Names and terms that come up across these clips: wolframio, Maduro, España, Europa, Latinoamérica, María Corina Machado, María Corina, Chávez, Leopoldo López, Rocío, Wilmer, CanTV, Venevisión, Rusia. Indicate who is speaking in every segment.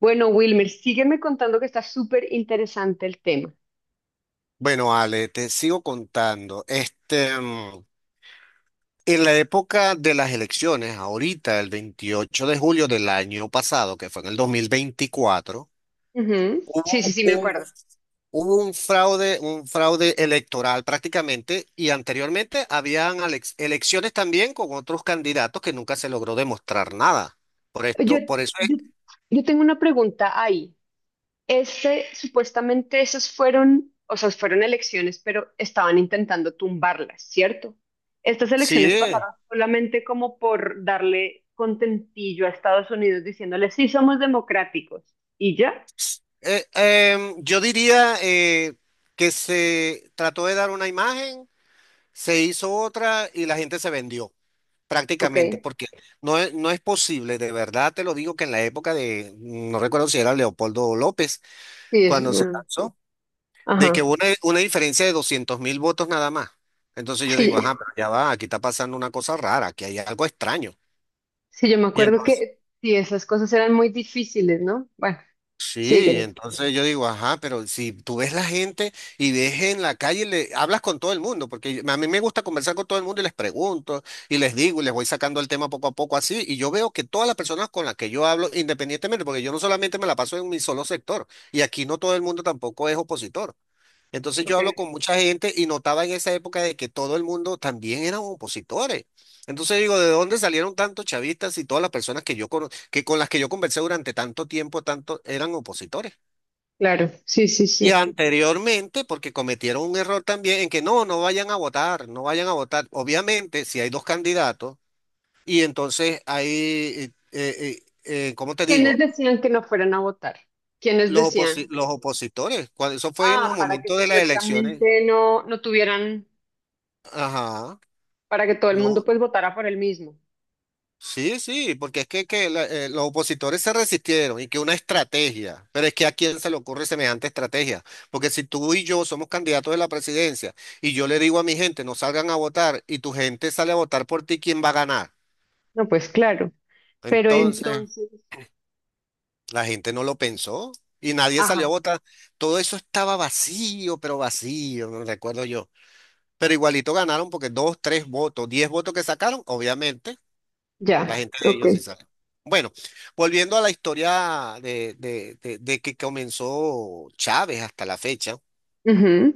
Speaker 1: Bueno, Wilmer, sígueme contando que está súper interesante el tema.
Speaker 2: Bueno, Ale, te sigo contando. En la época de las elecciones, ahorita, el 28 de julio del año pasado, que fue en el 2024,
Speaker 1: Ujú. Sí, sí, sí, me
Speaker 2: un-
Speaker 1: acuerdo.
Speaker 2: hubo un fraude electoral prácticamente, y anteriormente habían elecciones también con otros candidatos que nunca se logró demostrar nada. Por
Speaker 1: Yo,
Speaker 2: esto, por eso es,
Speaker 1: yo, yo tengo una pregunta ahí. Supuestamente esas fueron, o sea, fueron elecciones, pero estaban intentando tumbarlas, ¿cierto? Estas
Speaker 2: sí,
Speaker 1: elecciones pasaron solamente como por darle contentillo a Estados Unidos diciéndole, sí, somos democráticos. ¿Y ya?
Speaker 2: em, yo diría que se trató de dar una imagen. Se hizo otra y la gente se vendió prácticamente,
Speaker 1: Ok.
Speaker 2: porque no es posible, de verdad te lo digo, que en la época de, no recuerdo si era Leopoldo López,
Speaker 1: Sí, es
Speaker 2: cuando se
Speaker 1: bueno.
Speaker 2: lanzó, de que
Speaker 1: Ajá.
Speaker 2: hubo una diferencia de 200.000 votos nada más. Entonces yo digo,
Speaker 1: Sí.
Speaker 2: ajá, pero ya va, aquí está pasando una cosa rara, aquí hay algo extraño.
Speaker 1: Sí, yo me
Speaker 2: Y
Speaker 1: acuerdo
Speaker 2: entonces,
Speaker 1: que sí, esas cosas eran muy difíciles, ¿no? Bueno,
Speaker 2: Sí,
Speaker 1: sigue.
Speaker 2: entonces yo digo, ajá, pero si tú ves la gente y ves en la calle, le hablas con todo el mundo, porque a mí me gusta conversar con todo el mundo y les pregunto y les digo y les voy sacando el tema poco a poco así, y yo veo que todas las personas con las que yo hablo, independientemente, porque yo no solamente me la paso en mi solo sector, y aquí no todo el mundo tampoco es opositor. Entonces yo
Speaker 1: Ok,
Speaker 2: hablo con mucha gente y notaba en esa época de que todo el mundo también eran opositores. Entonces digo, ¿de dónde salieron tantos chavistas y todas las personas que yo que con las que yo conversé durante tanto tiempo, tanto eran opositores?
Speaker 1: claro, sí, sí,
Speaker 2: Y
Speaker 1: sí.
Speaker 2: anteriormente, porque cometieron un error también en que no, no vayan a votar, no vayan a votar. Obviamente, si hay dos candidatos y entonces ¿cómo te
Speaker 1: ¿Quiénes
Speaker 2: digo?
Speaker 1: decían que no fueran a votar? ¿Quiénes decían?
Speaker 2: Los opositores, cuando eso fue en los
Speaker 1: Ah, para que
Speaker 2: momentos de las elecciones,
Speaker 1: supuestamente no, no tuvieran,
Speaker 2: ajá.
Speaker 1: para que todo el
Speaker 2: No,
Speaker 1: mundo pues votara por el mismo.
Speaker 2: sí, sí, porque es que, los opositores se resistieron y que una estrategia, pero es que a quién se le ocurre semejante estrategia, porque si tú y yo somos candidatos de la presidencia y yo le digo a mi gente no salgan a votar y tu gente sale a votar por ti, ¿quién va a ganar?
Speaker 1: No, pues claro. Pero
Speaker 2: Entonces,
Speaker 1: entonces,
Speaker 2: la gente no lo pensó y nadie salió a
Speaker 1: ajá,
Speaker 2: votar. Todo eso estaba vacío, pero vacío, no recuerdo yo. Pero igualito ganaron porque dos, tres votos, diez votos que sacaron, obviamente. La
Speaker 1: ya,
Speaker 2: gente de
Speaker 1: ok.
Speaker 2: ellos sí sabe. Bueno, volviendo a la historia de que comenzó Chávez hasta la fecha,
Speaker 1: Ujú.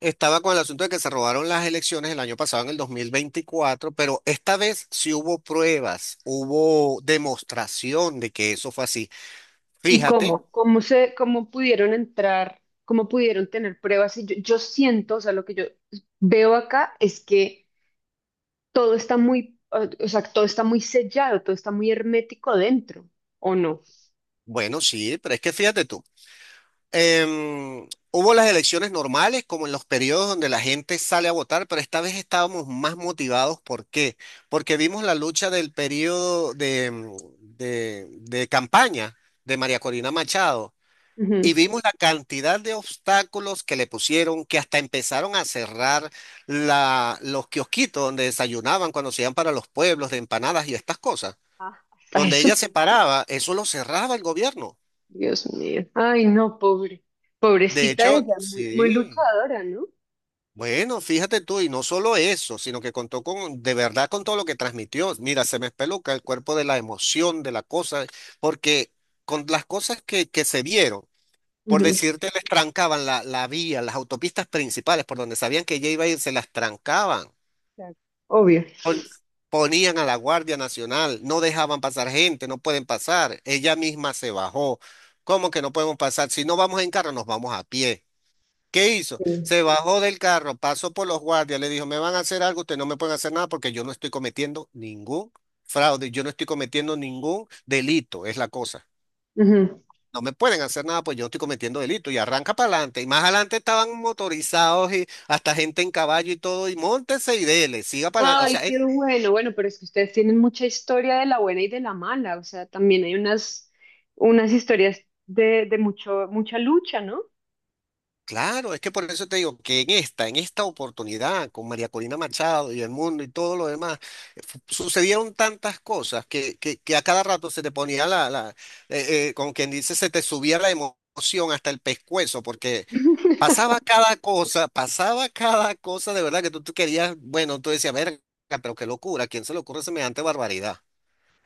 Speaker 2: estaba con el asunto de que se robaron las elecciones el año pasado, en el 2024, pero esta vez sí hubo pruebas, hubo demostración de que eso fue así.
Speaker 1: ¿Y
Speaker 2: Fíjate,
Speaker 1: cómo? ¿Cómo se, cómo pudieron entrar? ¿Cómo pudieron tener pruebas? Y yo siento, o sea, lo que yo veo acá es que todo está muy, o sea, todo está muy sellado, todo está muy hermético dentro, ¿o no?
Speaker 2: bueno, sí, pero es que fíjate tú. Hubo las elecciones normales, como en los periodos donde la gente sale a votar, pero esta vez estábamos más motivados. ¿Por qué? Porque vimos la lucha del periodo de, de campaña de María Corina Machado y
Speaker 1: Ujú.
Speaker 2: vimos la cantidad de obstáculos que le pusieron, que hasta empezaron a cerrar los kiosquitos donde desayunaban cuando se iban para los pueblos de empanadas y estas cosas.
Speaker 1: Ah, a
Speaker 2: Donde
Speaker 1: eso.
Speaker 2: ella se paraba, eso lo cerraba el gobierno.
Speaker 1: Dios mío. Ay, no, pobre.
Speaker 2: De
Speaker 1: Pobrecita
Speaker 2: hecho,
Speaker 1: ella, muy, muy
Speaker 2: sí.
Speaker 1: luchadora, ¿no?
Speaker 2: Bueno, fíjate tú, y no solo eso, sino que contó con, de verdad, con todo lo que transmitió. Mira, se me espeluca el cuerpo de la emoción, de la cosa, porque con las cosas que se vieron, por
Speaker 1: Ujú.
Speaker 2: decirte, les trancaban la vía, las autopistas principales por donde sabían que ella iba a ir, se las trancaban.
Speaker 1: Claro. Obvio.
Speaker 2: Pon- Ponían a la Guardia Nacional, no dejaban pasar gente, no pueden pasar. Ella misma se bajó. ¿Cómo que no podemos pasar? Si no vamos en carro, nos vamos a pie. ¿Qué hizo?
Speaker 1: Sí.
Speaker 2: Se bajó del carro, pasó por los guardias, le dijo, me van a hacer algo, ustedes no me pueden hacer nada porque yo no estoy cometiendo ningún fraude, yo no estoy cometiendo ningún delito, es la cosa.
Speaker 1: Ujú.
Speaker 2: No me pueden hacer nada pues yo no estoy cometiendo delito y arranca para adelante. Y más adelante estaban motorizados y hasta gente en caballo y todo, y móntese y dele, siga para adelante. O sea,
Speaker 1: Ay, qué bueno. Bueno, pero es que ustedes tienen mucha historia de la buena y de la mala. O sea, también hay unas, unas historias de mucho, mucha lucha, ¿no?
Speaker 2: claro, es que por eso te digo que en esta oportunidad con María Corina Machado y el mundo y todo lo demás, sucedieron tantas cosas que a cada rato se te ponía la, como quien dice, se te subía la emoción hasta el pescuezo, porque pasaba cada cosa de verdad que tú querías, bueno, tú decías, verga, pero qué locura, ¿a quién se le ocurre semejante barbaridad?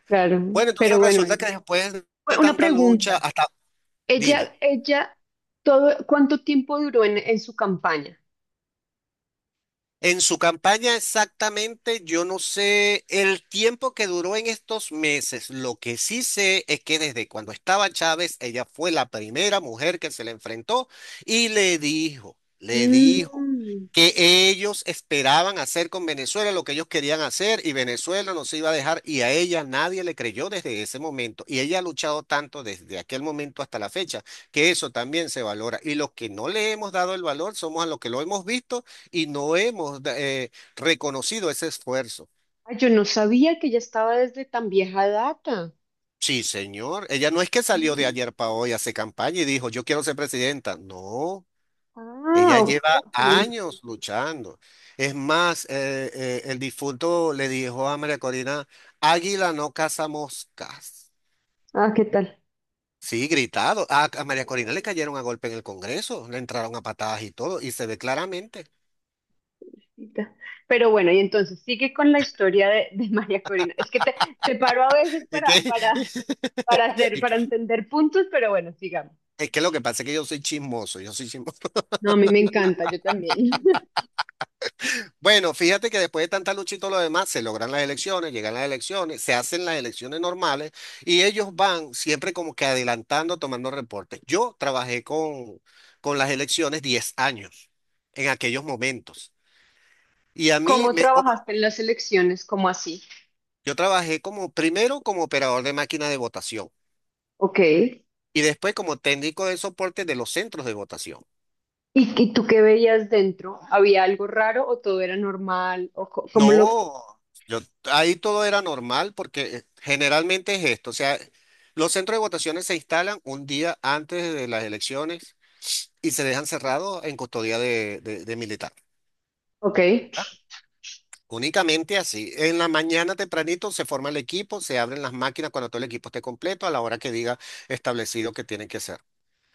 Speaker 1: Claro.
Speaker 2: Bueno,
Speaker 1: Pero
Speaker 2: entonces
Speaker 1: bueno,
Speaker 2: resulta
Speaker 1: ella-
Speaker 2: que después de
Speaker 1: Bueno, una
Speaker 2: tanta lucha,
Speaker 1: pregunta.
Speaker 2: hasta, dime.
Speaker 1: Ella, todo, ¿cuánto tiempo duró en su campaña?
Speaker 2: En su campaña exactamente, yo no sé el tiempo que duró en estos meses. Lo que sí sé es que desde cuando estaba Chávez, ella fue la primera mujer que se le enfrentó y le dijo
Speaker 1: Mm.
Speaker 2: que ellos esperaban hacer con Venezuela lo que ellos querían hacer y Venezuela no se iba a dejar y a ella nadie le creyó desde ese momento. Y ella ha luchado tanto desde aquel momento hasta la fecha que eso también se valora. Y los que no le hemos dado el valor somos a los que lo hemos visto y no hemos reconocido ese esfuerzo.
Speaker 1: Ay, yo no sabía que ella estaba desde tan vieja data.
Speaker 2: Sí, señor. Ella no es que salió de ayer para hoy, hace campaña y dijo, yo quiero ser presidenta. No, ella
Speaker 1: Ah, ok.
Speaker 2: lleva años luchando. Es más, el difunto le dijo a María Corina, águila no caza moscas.
Speaker 1: Ah, ¿qué tal?
Speaker 2: Sí, gritado. A María Corina le cayeron a golpe en el Congreso, le entraron a patadas y todo, y se ve claramente.
Speaker 1: Chiquita. Pero bueno, y entonces sigue con la historia de María Corina. Es que te paro a veces
Speaker 2: ¿Y qué
Speaker 1: para hacer,
Speaker 2: y que-
Speaker 1: para entender puntos, pero bueno, sigamos.
Speaker 2: es que lo que pasa es que yo soy chismoso, yo soy chismoso.
Speaker 1: No, a mí me encanta, yo también.
Speaker 2: Bueno, fíjate que después de tanta lucha y todo lo demás, se logran las elecciones, llegan las elecciones, se hacen las elecciones normales y ellos van siempre como que adelantando, tomando reportes. Yo trabajé con las elecciones 10 años en aquellos momentos.
Speaker 1: ¿Cómo
Speaker 2: Opa,
Speaker 1: trabajaste en las elecciones? ¿Cómo así?
Speaker 2: yo trabajé como primero como operador de máquina de votación
Speaker 1: Ok.
Speaker 2: y después como técnico de soporte de los centros de votación.
Speaker 1: Y tú qué veías dentro? ¿Había algo raro o todo era normal? ¿O co- cómo lo...?
Speaker 2: No, yo ahí todo era normal porque generalmente es esto, o sea, los centros de votaciones se instalan un día antes de las elecciones y se dejan cerrados en custodia de militar.
Speaker 1: Ok.
Speaker 2: ¿Ah? Únicamente así. En la mañana tempranito se forma el equipo, se abren las máquinas cuando todo el equipo esté completo a la hora que diga establecido que tienen que ser.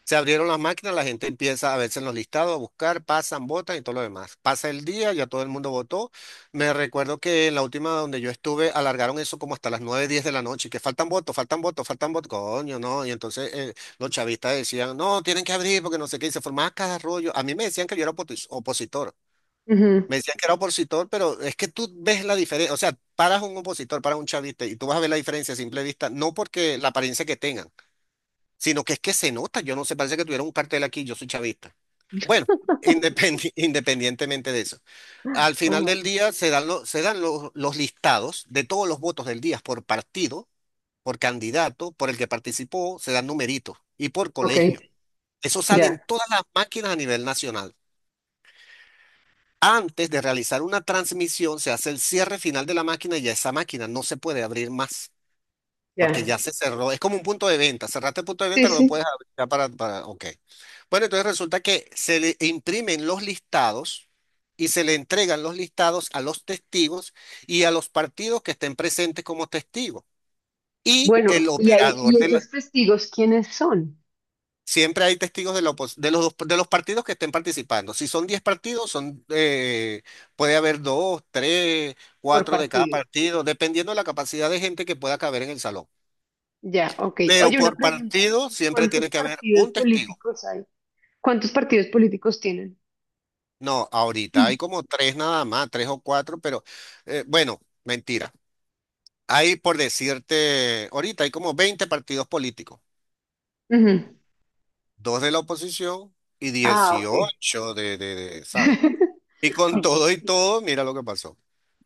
Speaker 2: Se abrieron las máquinas, la gente empieza a verse en los listados, a buscar, pasan, votan y todo lo demás. Pasa el día, ya todo el mundo votó. Me recuerdo que en la última donde yo estuve, alargaron eso como hasta las 9:10 de la noche, que faltan votos, faltan votos, faltan votos, coño, no. Y entonces los chavistas decían, no, tienen que abrir porque no sé qué, y se formaba cada rollo. A mí me decían que yo era opositor.
Speaker 1: Ujú.
Speaker 2: Me decían que era opositor, pero es que tú ves la diferencia, o sea, paras un opositor, paras un chavista y tú vas a ver la diferencia a simple vista, no porque la apariencia que tengan, sino que es que se nota, yo no sé, parece que tuviera un cartel aquí, yo soy chavista. Bueno, independientemente de eso. Al final
Speaker 1: Ajá.
Speaker 2: del día se dan los listados de todos los votos del día por partido, por candidato, por el que participó, se dan numeritos y por
Speaker 1: Ok,
Speaker 2: colegio. Eso sale
Speaker 1: ya,
Speaker 2: en todas las máquinas a nivel nacional. Antes de realizar una transmisión, se hace el cierre final de la máquina y ya esa máquina no se puede abrir más. Porque
Speaker 1: ya.
Speaker 2: ya se cerró, es como un punto de venta, cerraste el punto de
Speaker 1: Sí,
Speaker 2: venta, no lo
Speaker 1: sí.
Speaker 2: puedes abrir ya para, ok. Bueno, entonces resulta que se le imprimen los listados y se le entregan los listados a los testigos y a los partidos que estén presentes como testigos. Y el
Speaker 1: Bueno, y ahí,
Speaker 2: operador
Speaker 1: ¿y
Speaker 2: de
Speaker 1: esos
Speaker 2: la...
Speaker 1: testigos quiénes son
Speaker 2: Siempre hay testigos de, la opos- de los, dos- de los partidos que estén participando. Si son 10 partidos, puede haber 2, 3,
Speaker 1: por
Speaker 2: 4 de cada
Speaker 1: partido?
Speaker 2: partido, dependiendo de la capacidad de gente que pueda caber en el salón.
Speaker 1: Ya, ok.
Speaker 2: Pero
Speaker 1: Oye, una
Speaker 2: por
Speaker 1: pregunta.
Speaker 2: partido siempre tiene
Speaker 1: ¿Cuántos
Speaker 2: que haber
Speaker 1: partidos
Speaker 2: un testigo.
Speaker 1: políticos hay? ¿Cuántos partidos políticos tienen?
Speaker 2: No, ahorita
Speaker 1: Mm.
Speaker 2: hay como tres nada más, tres o cuatro, pero bueno, mentira. Hay, por decirte, ahorita hay como 20 partidos políticos,
Speaker 1: Ujú.
Speaker 2: dos de la oposición y
Speaker 1: Ah, ok.
Speaker 2: 18 de, ¿sabes? Y con
Speaker 1: Ok.
Speaker 2: todo y todo, mira lo que pasó.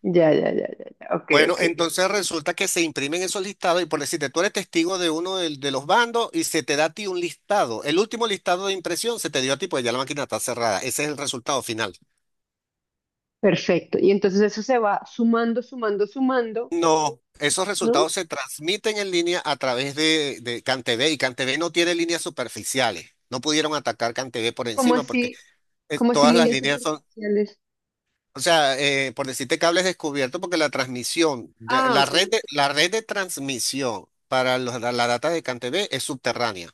Speaker 1: Ya, ya, ya, ya, ya. Ok,
Speaker 2: Bueno,
Speaker 1: ok.
Speaker 2: entonces resulta que se imprimen esos listados y por decirte, tú eres testigo de uno de los bandos y se te da a ti un listado. El último listado de impresión se te dio a ti, pues ya la máquina está cerrada. Ese es el resultado final.
Speaker 1: Perfecto. Y entonces eso se va sumando, sumando, sumando,
Speaker 2: No, esos
Speaker 1: ¿no?
Speaker 2: resultados se transmiten en línea a través de CanTV y CanTV no tiene líneas superficiales. No pudieron atacar CanTV por
Speaker 1: ¿Como
Speaker 2: encima porque
Speaker 1: así? Como así,
Speaker 2: todas las
Speaker 1: líneas
Speaker 2: líneas son,
Speaker 1: superficiales.
Speaker 2: o sea, por decirte cables descubiertos porque
Speaker 1: Ah,
Speaker 2: la
Speaker 1: ok.
Speaker 2: red la red de transmisión para la data de CanTV es subterránea.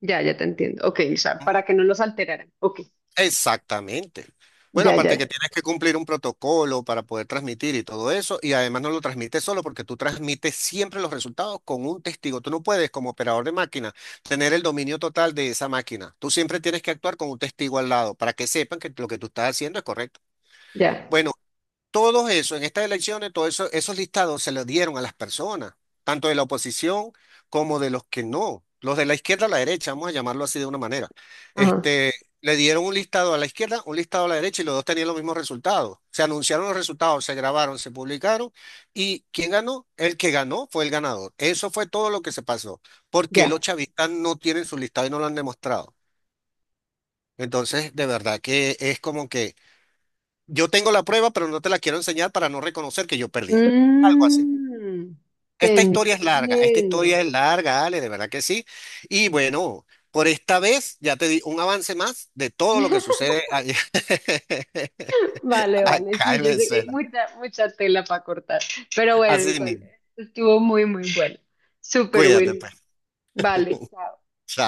Speaker 1: Ya, ya te entiendo. Ok, o sea, para que no los alteraran. Ok.
Speaker 2: Exactamente. Bueno,
Speaker 1: Ya, ya,
Speaker 2: aparte que
Speaker 1: ya.
Speaker 2: tienes que cumplir un protocolo para poder transmitir y todo eso, y además no lo transmites solo porque tú transmites siempre los resultados con un testigo. Tú no puedes, como operador de máquina, tener el dominio total de esa máquina. Tú siempre tienes que actuar con un testigo al lado para que sepan que lo que tú estás haciendo es correcto.
Speaker 1: Ya.
Speaker 2: Bueno, todo eso, en estas elecciones, todos eso, esos listados se los dieron a las personas, tanto de la oposición como de los que no, los de la izquierda a la derecha, vamos a llamarlo así de una manera.
Speaker 1: Ajá.
Speaker 2: Este, le dieron un listado a la izquierda, un listado a la derecha y los dos tenían los mismos resultados. Se anunciaron los resultados, se grabaron, se publicaron y ¿quién ganó? El que ganó fue el ganador. Eso fue todo lo que se pasó, porque los
Speaker 1: Ya.
Speaker 2: chavistas no tienen su listado y no lo han demostrado. Entonces, de verdad que es como que... Yo tengo la prueba, pero no te la quiero enseñar para no reconocer que yo perdí. Algo así.
Speaker 1: Mm, te
Speaker 2: Esta historia es larga, esta historia
Speaker 1: entiendo.
Speaker 2: es larga, Ale, de verdad que sí. Y bueno, por esta vez ya te di un avance más de todo lo que sucede
Speaker 1: Vale, vale.
Speaker 2: acá
Speaker 1: Sí,
Speaker 2: en
Speaker 1: yo sé que hay
Speaker 2: Venezuela.
Speaker 1: mucha, mucha tela para cortar. Pero bueno,
Speaker 2: Así
Speaker 1: igual,
Speaker 2: mismo.
Speaker 1: estuvo muy, muy bueno. Super
Speaker 2: Cuídate,
Speaker 1: Will.
Speaker 2: pues.
Speaker 1: Vale. Chao.
Speaker 2: Chao.